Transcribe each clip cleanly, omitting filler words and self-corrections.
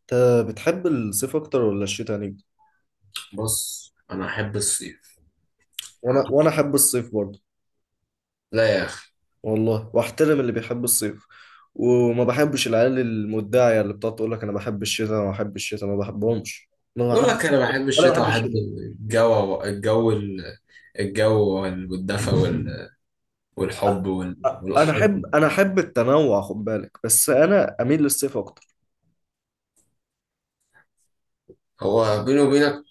انت بتحب الصيف اكتر ولا الشتاء يعني؟ بص، انا احب الصيف. وانا عارف. احب الصيف برضه. لا يا اخي. والله واحترم اللي بيحب الصيف. وما بحبش العيال المدعية اللي بتقعد تقول لك انا بحب الشتاء انا بحب الشتاء، ما بحبهمش. ما يقول بحب، لك انا بحب ولا الشتاء بحب وأحب الشتاء. الجو والدفى أ- والحب انا والحضن. احب انا احب التنوع، خد بالك، بس انا اميل للصيف اكتر. هو بيني وبينك.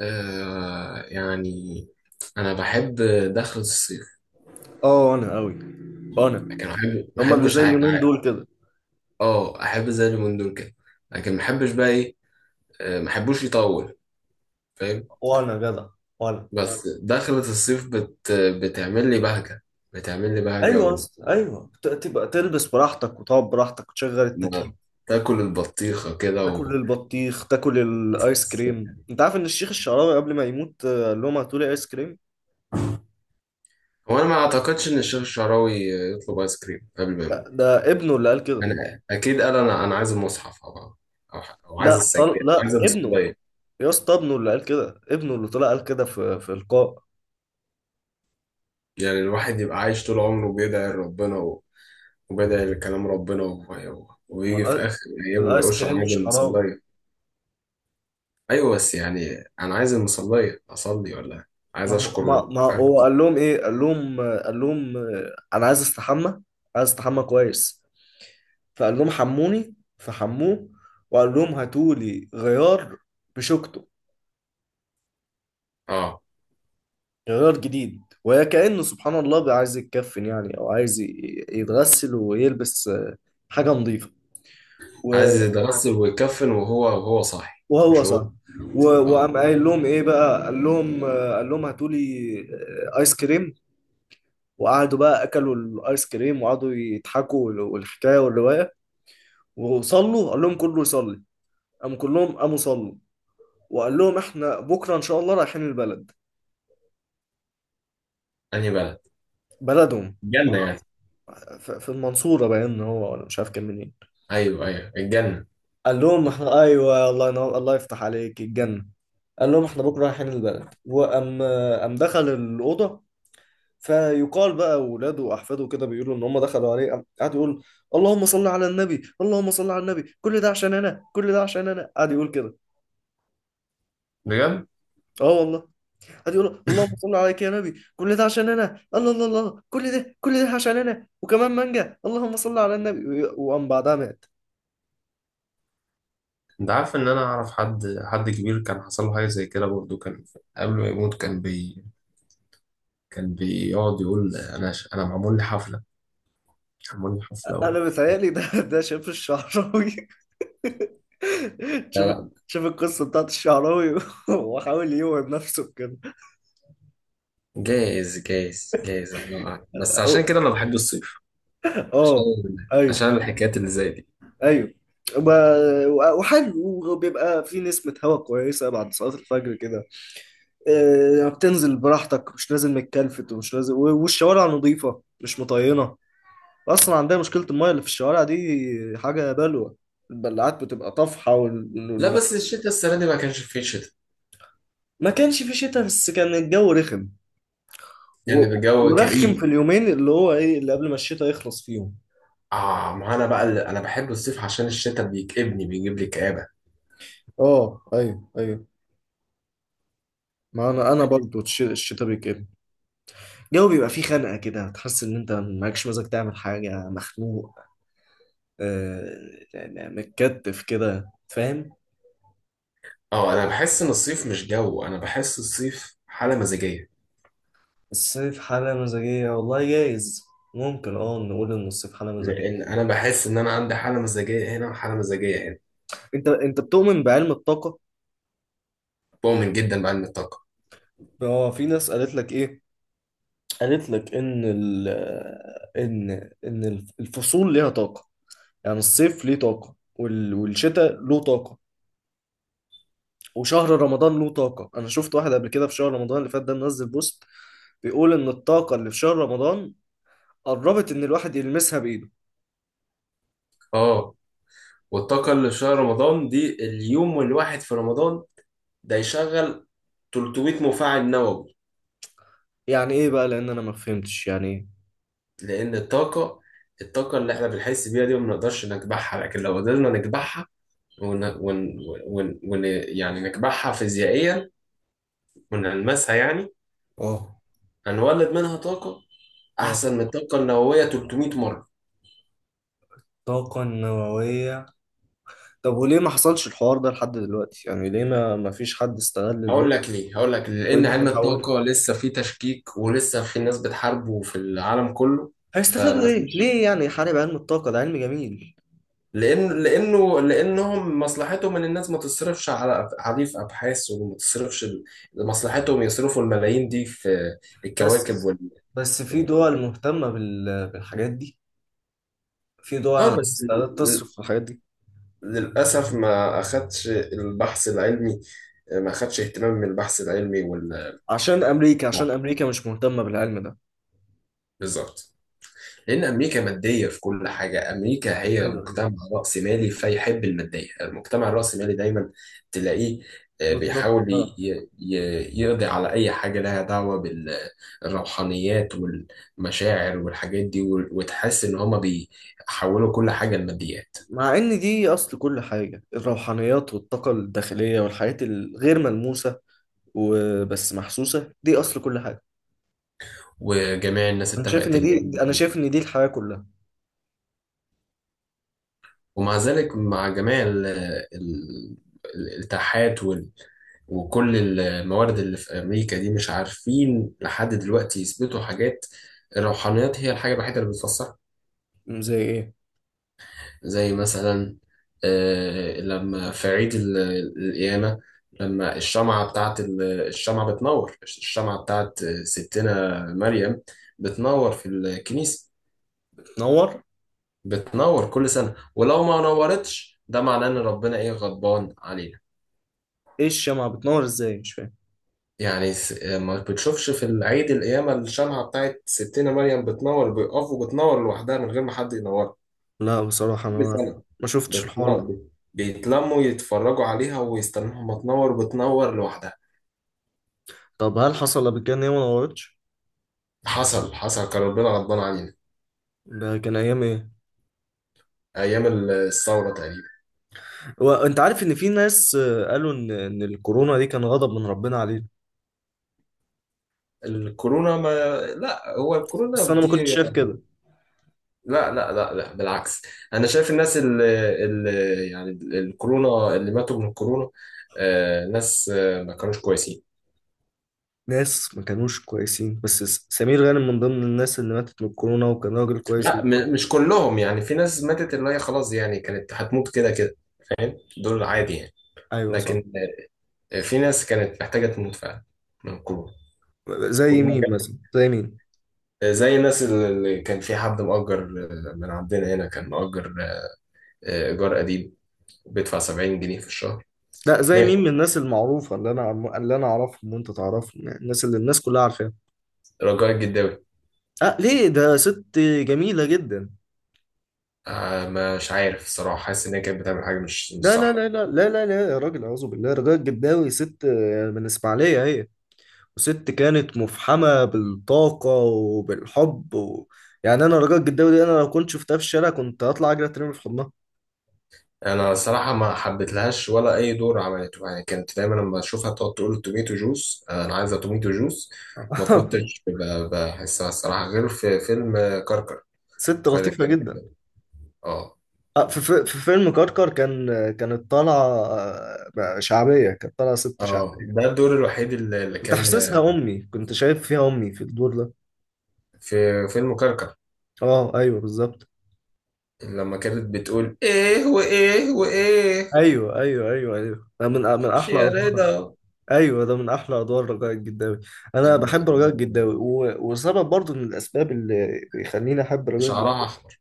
آه يعني انا بحب دخلة الصيف. اه، انا قوي. انا لكن ما هما اللي بحبش زي اليومين دول كده. اه، احب زي اليومين دول كده. لكن ما بحبش بقى ايه. ما بحبوش يطول. فاهم. وانا جدع. وانا بس دخلة الصيف بتعمل لي بهجة. بتعمل لي بهجة. ايوه يا اسطى، ايوه تبقى تلبس براحتك، وتقعد براحتك، وتشغل ما التكييف. تاكل البطيخة كده تاكل و... البطيخ، تاكل الايس كريم. انت عارف ان الشيخ الشعراوي قبل ما يموت قال لهم هاتولي ايس كريم؟ هو انا ما اعتقدش ان الشيخ الشعراوي يطلب ايس كريم قبل ما لا، يموت. ده ابنه اللي قال كده. انا اكيد قال انا عايز المصحف او أو عايز لا، السجاد لا عايز ابنه. المصلية. يا اسطى، ابنه اللي قال كده، ابنه اللي طلع قال كده في لقاء. يعني الواحد يبقى عايش طول عمره بيدعي لربنا وبيدعي لكلام ربنا و... ما ويجي في الآ- اخر ايامه ما الايس يقولش انا كريم عايز مش حرام؟ المصلية. ايوه بس يعني انا عايز المصلية اصلي ولا عايز ما هو اشكر. ما, ما هو عايز... قال لهم ايه؟ قال لهم قال لهم انا عايز استحمى. عايز استحمى كويس. فقال لهم حموني، فحموه. وقال لهم هاتولي غيار. بشوكته. اه. جرار جديد، وكأنه سبحان الله بقى عايز يتكفن يعني، أو عايز يتغسل ويلبس حاجة نظيفة. عايز و- يتغسل ويكفن وهو صاحي وهو مش هو. صح. آه. وقام قايل لهم إيه بقى، قال لهم قال لهم هاتوا لي آيس كريم. وقعدوا بقى أكلوا الآيس كريم، وقعدوا يضحكوا والحكاية والرواية. وصلوا، قال لهم كله يصلي. قام كلهم قاموا صلوا. وقال لهم إحنا بكرة إن شاء الله رايحين البلد. انهي بلد؟ بلدهم. الجنة يعني. في المنصورة، باين إن هو، ولا مش عارف كان منين. ايوه، ايوه، الجنة. قال لهم احنا، ايوه، الله ينور، الله يفتح عليك الجنه. قال لهم احنا بكره رايحين البلد، وقام. قام دخل الاوضه. فيقال بقى اولاده واحفاده كده بيقولوا ان هم دخلوا عليه، قام قعد يقول اللهم صل على النبي، اللهم صل على النبي، كل ده عشان انا، كل ده عشان انا، قعد يقول كده. بجد. اه، والله. قعد يقول اللهم صل عليك يا نبي، كل ده عشان انا، الله الله الله، كل ده عشان انا، وكمان مانجا، اللهم صل على النبي، وقام بعدها مات. انت عارف ان انا اعرف حد كبير كان حصل له حاجة زي كده برضه كان. قبل ما يموت كان بيقعد يقول انا معمول لي حفلة. معمول لي حفلة و... انا بيتهيألي ده شاف الشعراوي. لا، شوف. لا. شوف القصة بتاعت الشعراوي، وحاول يوعد نفسه كده. جايز جايز جايز الله اعلم. بس عشان أو- كده انا بحب الصيف. عشان اه، ايوه، عشان الحكايات اللي زي دي. ايوه. ب- وحلو، وبيبقى في نسمة هوا كويسة بعد صلاة الفجر كده. بتنزل براحتك، مش لازم متكلفت، ومش لازم، والشوارع نظيفة، مش مطينة. أصلا عندنا مشكلة المية اللي في الشوارع دي. حاجة بلوة. البلعات بتبقى طافحة، لا بس الشتاء السنة دي ما كانش فيه شتاء. ما كانش في شتاء، بس كان الجو رخم. و... يعني الجو ورخم كئيب. في اليومين اللي هو ايه، اللي قبل ما الشتاء يخلص فيهم. اه، ما انا بقى اللي- انا بحب الصيف عشان الشتاء بيكئبني بيجيب لي كآبة. اه، ايوه، ايوه. ما انا برضه الشتاء بيجي. الجو بيبقى فيه خنقه كده، تحس ان انت معكش مزاج تعمل حاجه، مخنوق. آه يعني متكتف كده، فاهم. اه، انا بحس ان الصيف مش جو، انا بحس الصيف حاله مزاجيه. الصيف حاله مزاجيه، والله جايز. ممكن، اه، نقول ان الصيف حاله مزاجيه. لان انا بحس ان انا عندي حاله مزاجيه هنا وحاله مزاجيه هنا. انت بتؤمن بعلم الطاقه؟ بؤمن جدا بقى ان الطاقه. هو في ناس قالت لك ايه؟ قالت لك ان ال ان ان الفصول ليها طاقه. يعني الصيف ليه طاقة، والشتاء له طاقة. وشهر رمضان له طاقة. أنا شفت واحد قبل كده في شهر رمضان اللي فات، ده منزل بوست بيقول إن الطاقة اللي في شهر رمضان قربت إن الواحد يلمسها بإيده. اه. والطاقه اللي في شهر رمضان دي اليوم الواحد في رمضان ده يشغل 300 مفاعل نووي. يعني إيه بقى؟ لأن أنا ما فهمتش يعني إيه. لان الطاقه اللي احنا بنحس بيها دي ما بنقدرش نكبحها. لكن لو قدرنا نكبحها ون... ون... يعني نكبحها فيزيائيا ونلمسها يعني. آه. هنولد منها طاقه آه. احسن من الطاقه النوويه 300 مره. طاقة نووية. طب، وليه ما حصلش الحوار ده لحد دلوقتي؟ يعني ليه ما فيش حد استغل هقول النقطة لك ليه، هقول لك ليه. لان وقدر علم يحولها؟ الطاقه لسه فيه تشكيك ولسه في ناس بتحاربه في العالم كله. هيستفادوا فما إيه؟ فيش. ليه يعني يحارب علم الطاقة؟ ده علم جميل. لانهم مصلحتهم ان الناس ما تصرفش عليه في ابحاث وما تصرفش مصلحتهم يصرفوا الملايين دي في الكواكب بس وال... بس في دول وال- مهتمة بالحاجات دي. في دول اه عندها بس استعداد تصرف في الحاجات دي. للاسف ما اخدش البحث العلمي. ما اخدش اهتمام من البحث العلمي وال. عشان امريكا عشان نعم، امريكا مش مهتمه بالعلم ده. بالظبط. لأن أمريكا مادية في كل حاجة. أمريكا هي ايوه، ايوه، مجتمع رأسمالي فيحب المادية. المجتمع الرأسمالي دايما تلاقيه بالظبط بيحاول بقى. يقضي على أي حاجة لها دعوة بالروحانيات والمشاعر والحاجات دي وتحس إن هما بيحولوا كل حاجة لماديات. مع ان دي اصل كل حاجه، الروحانيات والطاقه الداخليه والحاجات الغير ملموسه وبس محسوسه، دي اصل كل حاجه. وجميع الناس انا شايف اتفقت ان إن دي انا هي. شايف ان دي الحياه كلها. ومع ذلك مع جميع الاتاحات وكل الموارد اللي في أمريكا دي مش عارفين لحد دلوقتي يثبتوا حاجات. الروحانيات هي الحاجة الوحيدة اللي بتفسرها. زي ايه؟ زي مثلا لما في عيد القيامة. لما الشمعة بتاعت الشمعة بتنور. الشمعة بتاعت ستنا مريم بتنور في الكنيسة. بتنور. بتنور كل سنة، ولو ما نورتش ده معناه إن ربنا إيه غضبان علينا. ايه؟ الشمعة بتنور ازاي؟ مش فاهم. يعني ما بتشوفش في العيد القيامة الشمعة بتاعت ستنا مريم بتنور؟ بيقفوا بتنور لوحدها من غير ما حد ينورها. لا، بصراحه انا كل ما سنة ما شفتش الحوار ده. بتنور. بيتلموا يتفرجوا عليها ويستنوها ما تنور، بتنور لوحدها. طب، هل حصل قبل كده ان هي ما نورتش؟ حصل، حصل كان ربنا غضبان علينا. ده كان ايام ايه؟ أيام الثورة تقريبا. وانت عارف ان في ناس قالوا ان الكورونا دي كان غضب من ربنا علينا؟ الكورونا ما لا، هو بس الكورونا انا ما كنتش دي. شايف كده. لا لا لا لا، بالعكس. أنا شايف اللي يعني الكورونا اللي ماتوا من الكورونا. ناس ما كانوش كويسين. ناس ما كانوش كويسين، بس سمير غانم من ضمن الناس اللي ماتت من الكورونا، وكان راجل كويس لا، جدا. مش كلهم. يعني في ناس ماتت اللي هي خلاص يعني كانت هتموت كده كده. دول عادي يعني. ايوه، صح. لكن في ناس كانت محتاجة تموت فعلا من كورونا. زي كورونا مين جت. مثلا؟ زي مين؟ زي الناس اللي كان في حد مؤجر. من عندنا هنا كان مؤجر إيجار قديم بيدفع 70 جنيه في الشهر. لا، زي مين مات. من الناس المعروفه، اللي انا اللي انا اعرفهم وانت تعرفهم، يعني الناس اللي الناس كلها عارفاها. رجاء الجداوي. اه، ليه؟ ده ست جميله جدا. آه، مش عارف الصراحة. حاسس إن هي كانت بتعمل حاجة مش لا، لا، صح. لا، لا، لا، لا، لا، يا راجل، اعوذ بالله. رجاء الجداوي ست من اسماعيليه هي. وست كانت مفحمة بالطاقة وبالحب. يعني أنا رجاء الجداوي دي، أنا لو كنت شفتها في الشارع كنت هطلع أجري أترمي في حضنها. انا الصراحه ما حبيتلهاش ولا اي دور عملته. يعني كانت دايما لما اشوفها تقعد تقول توميتو جوس، انا عايزه توميتو جوس. ما كنتش بحسها الصراحه غير في فيلم كركر. ست كده لطيفة كان. جدا. اه، في فيلم كركر، كانت طالعة شعبية، كانت طالعة ست اه، شعبية. ده الدور الوحيد اللي كنت كان، حاسسها أمي، كنت شايف فيها أمي في الدور ده. في فيلم كركر. أه، أيوه، بالظبط. لما كانت بتقول ايه وايه وايه. أيوه، أيوه، أيوه، أيوه، من خش أحلى يا أدوار. رضا. ايوه، ده من احلى ادوار رجاء الجداوي. انا اجمل، بحب رجاء أجمل. الجداوي، وسبب برضو من الاسباب اللي بيخليني احب رجاء شعرها الجداوي. احمر.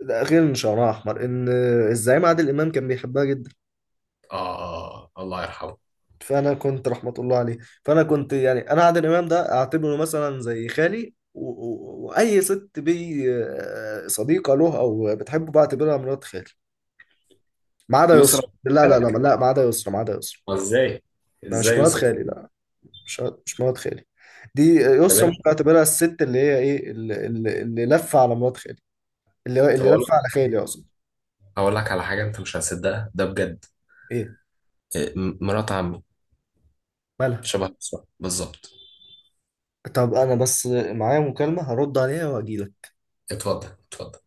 ده غير ان شعرها احمر، ان الزعيم عادل امام كان بيحبها جدا. اه، الله يرحمه. فانا كنت، رحمه الله عليه. فانا كنت يعني، انا عادل امام ده اعتبره مثلا زي خالي، واي ست بي صديقه له او بتحبه، بعتبرها مرات خالي. ما عدا يسرا. يسرا، لا، لا، لا، بالك؟ لا، ما عدا يسرا، ما عدا يسرا. ازاي؟ انا ازاي مش مرات يسرا يسرا؟ خالي، لا. مش مرات خالي. دي يسرا تمام. ممكن اعتبرها الست، اللي هي ايه، اللي لفه على مرات خالي. طب اللي اقول لفه على خالي، اقصد. اقول لك على حاجه انت مش هتصدقها ده بجد. ايه؟ إيه، مرات عمي. مالها؟ شبه بالظبط، بالظبط. طب انا بس معايا مكالمة هرد عليها واجيلك. اتفضل، اتفضل.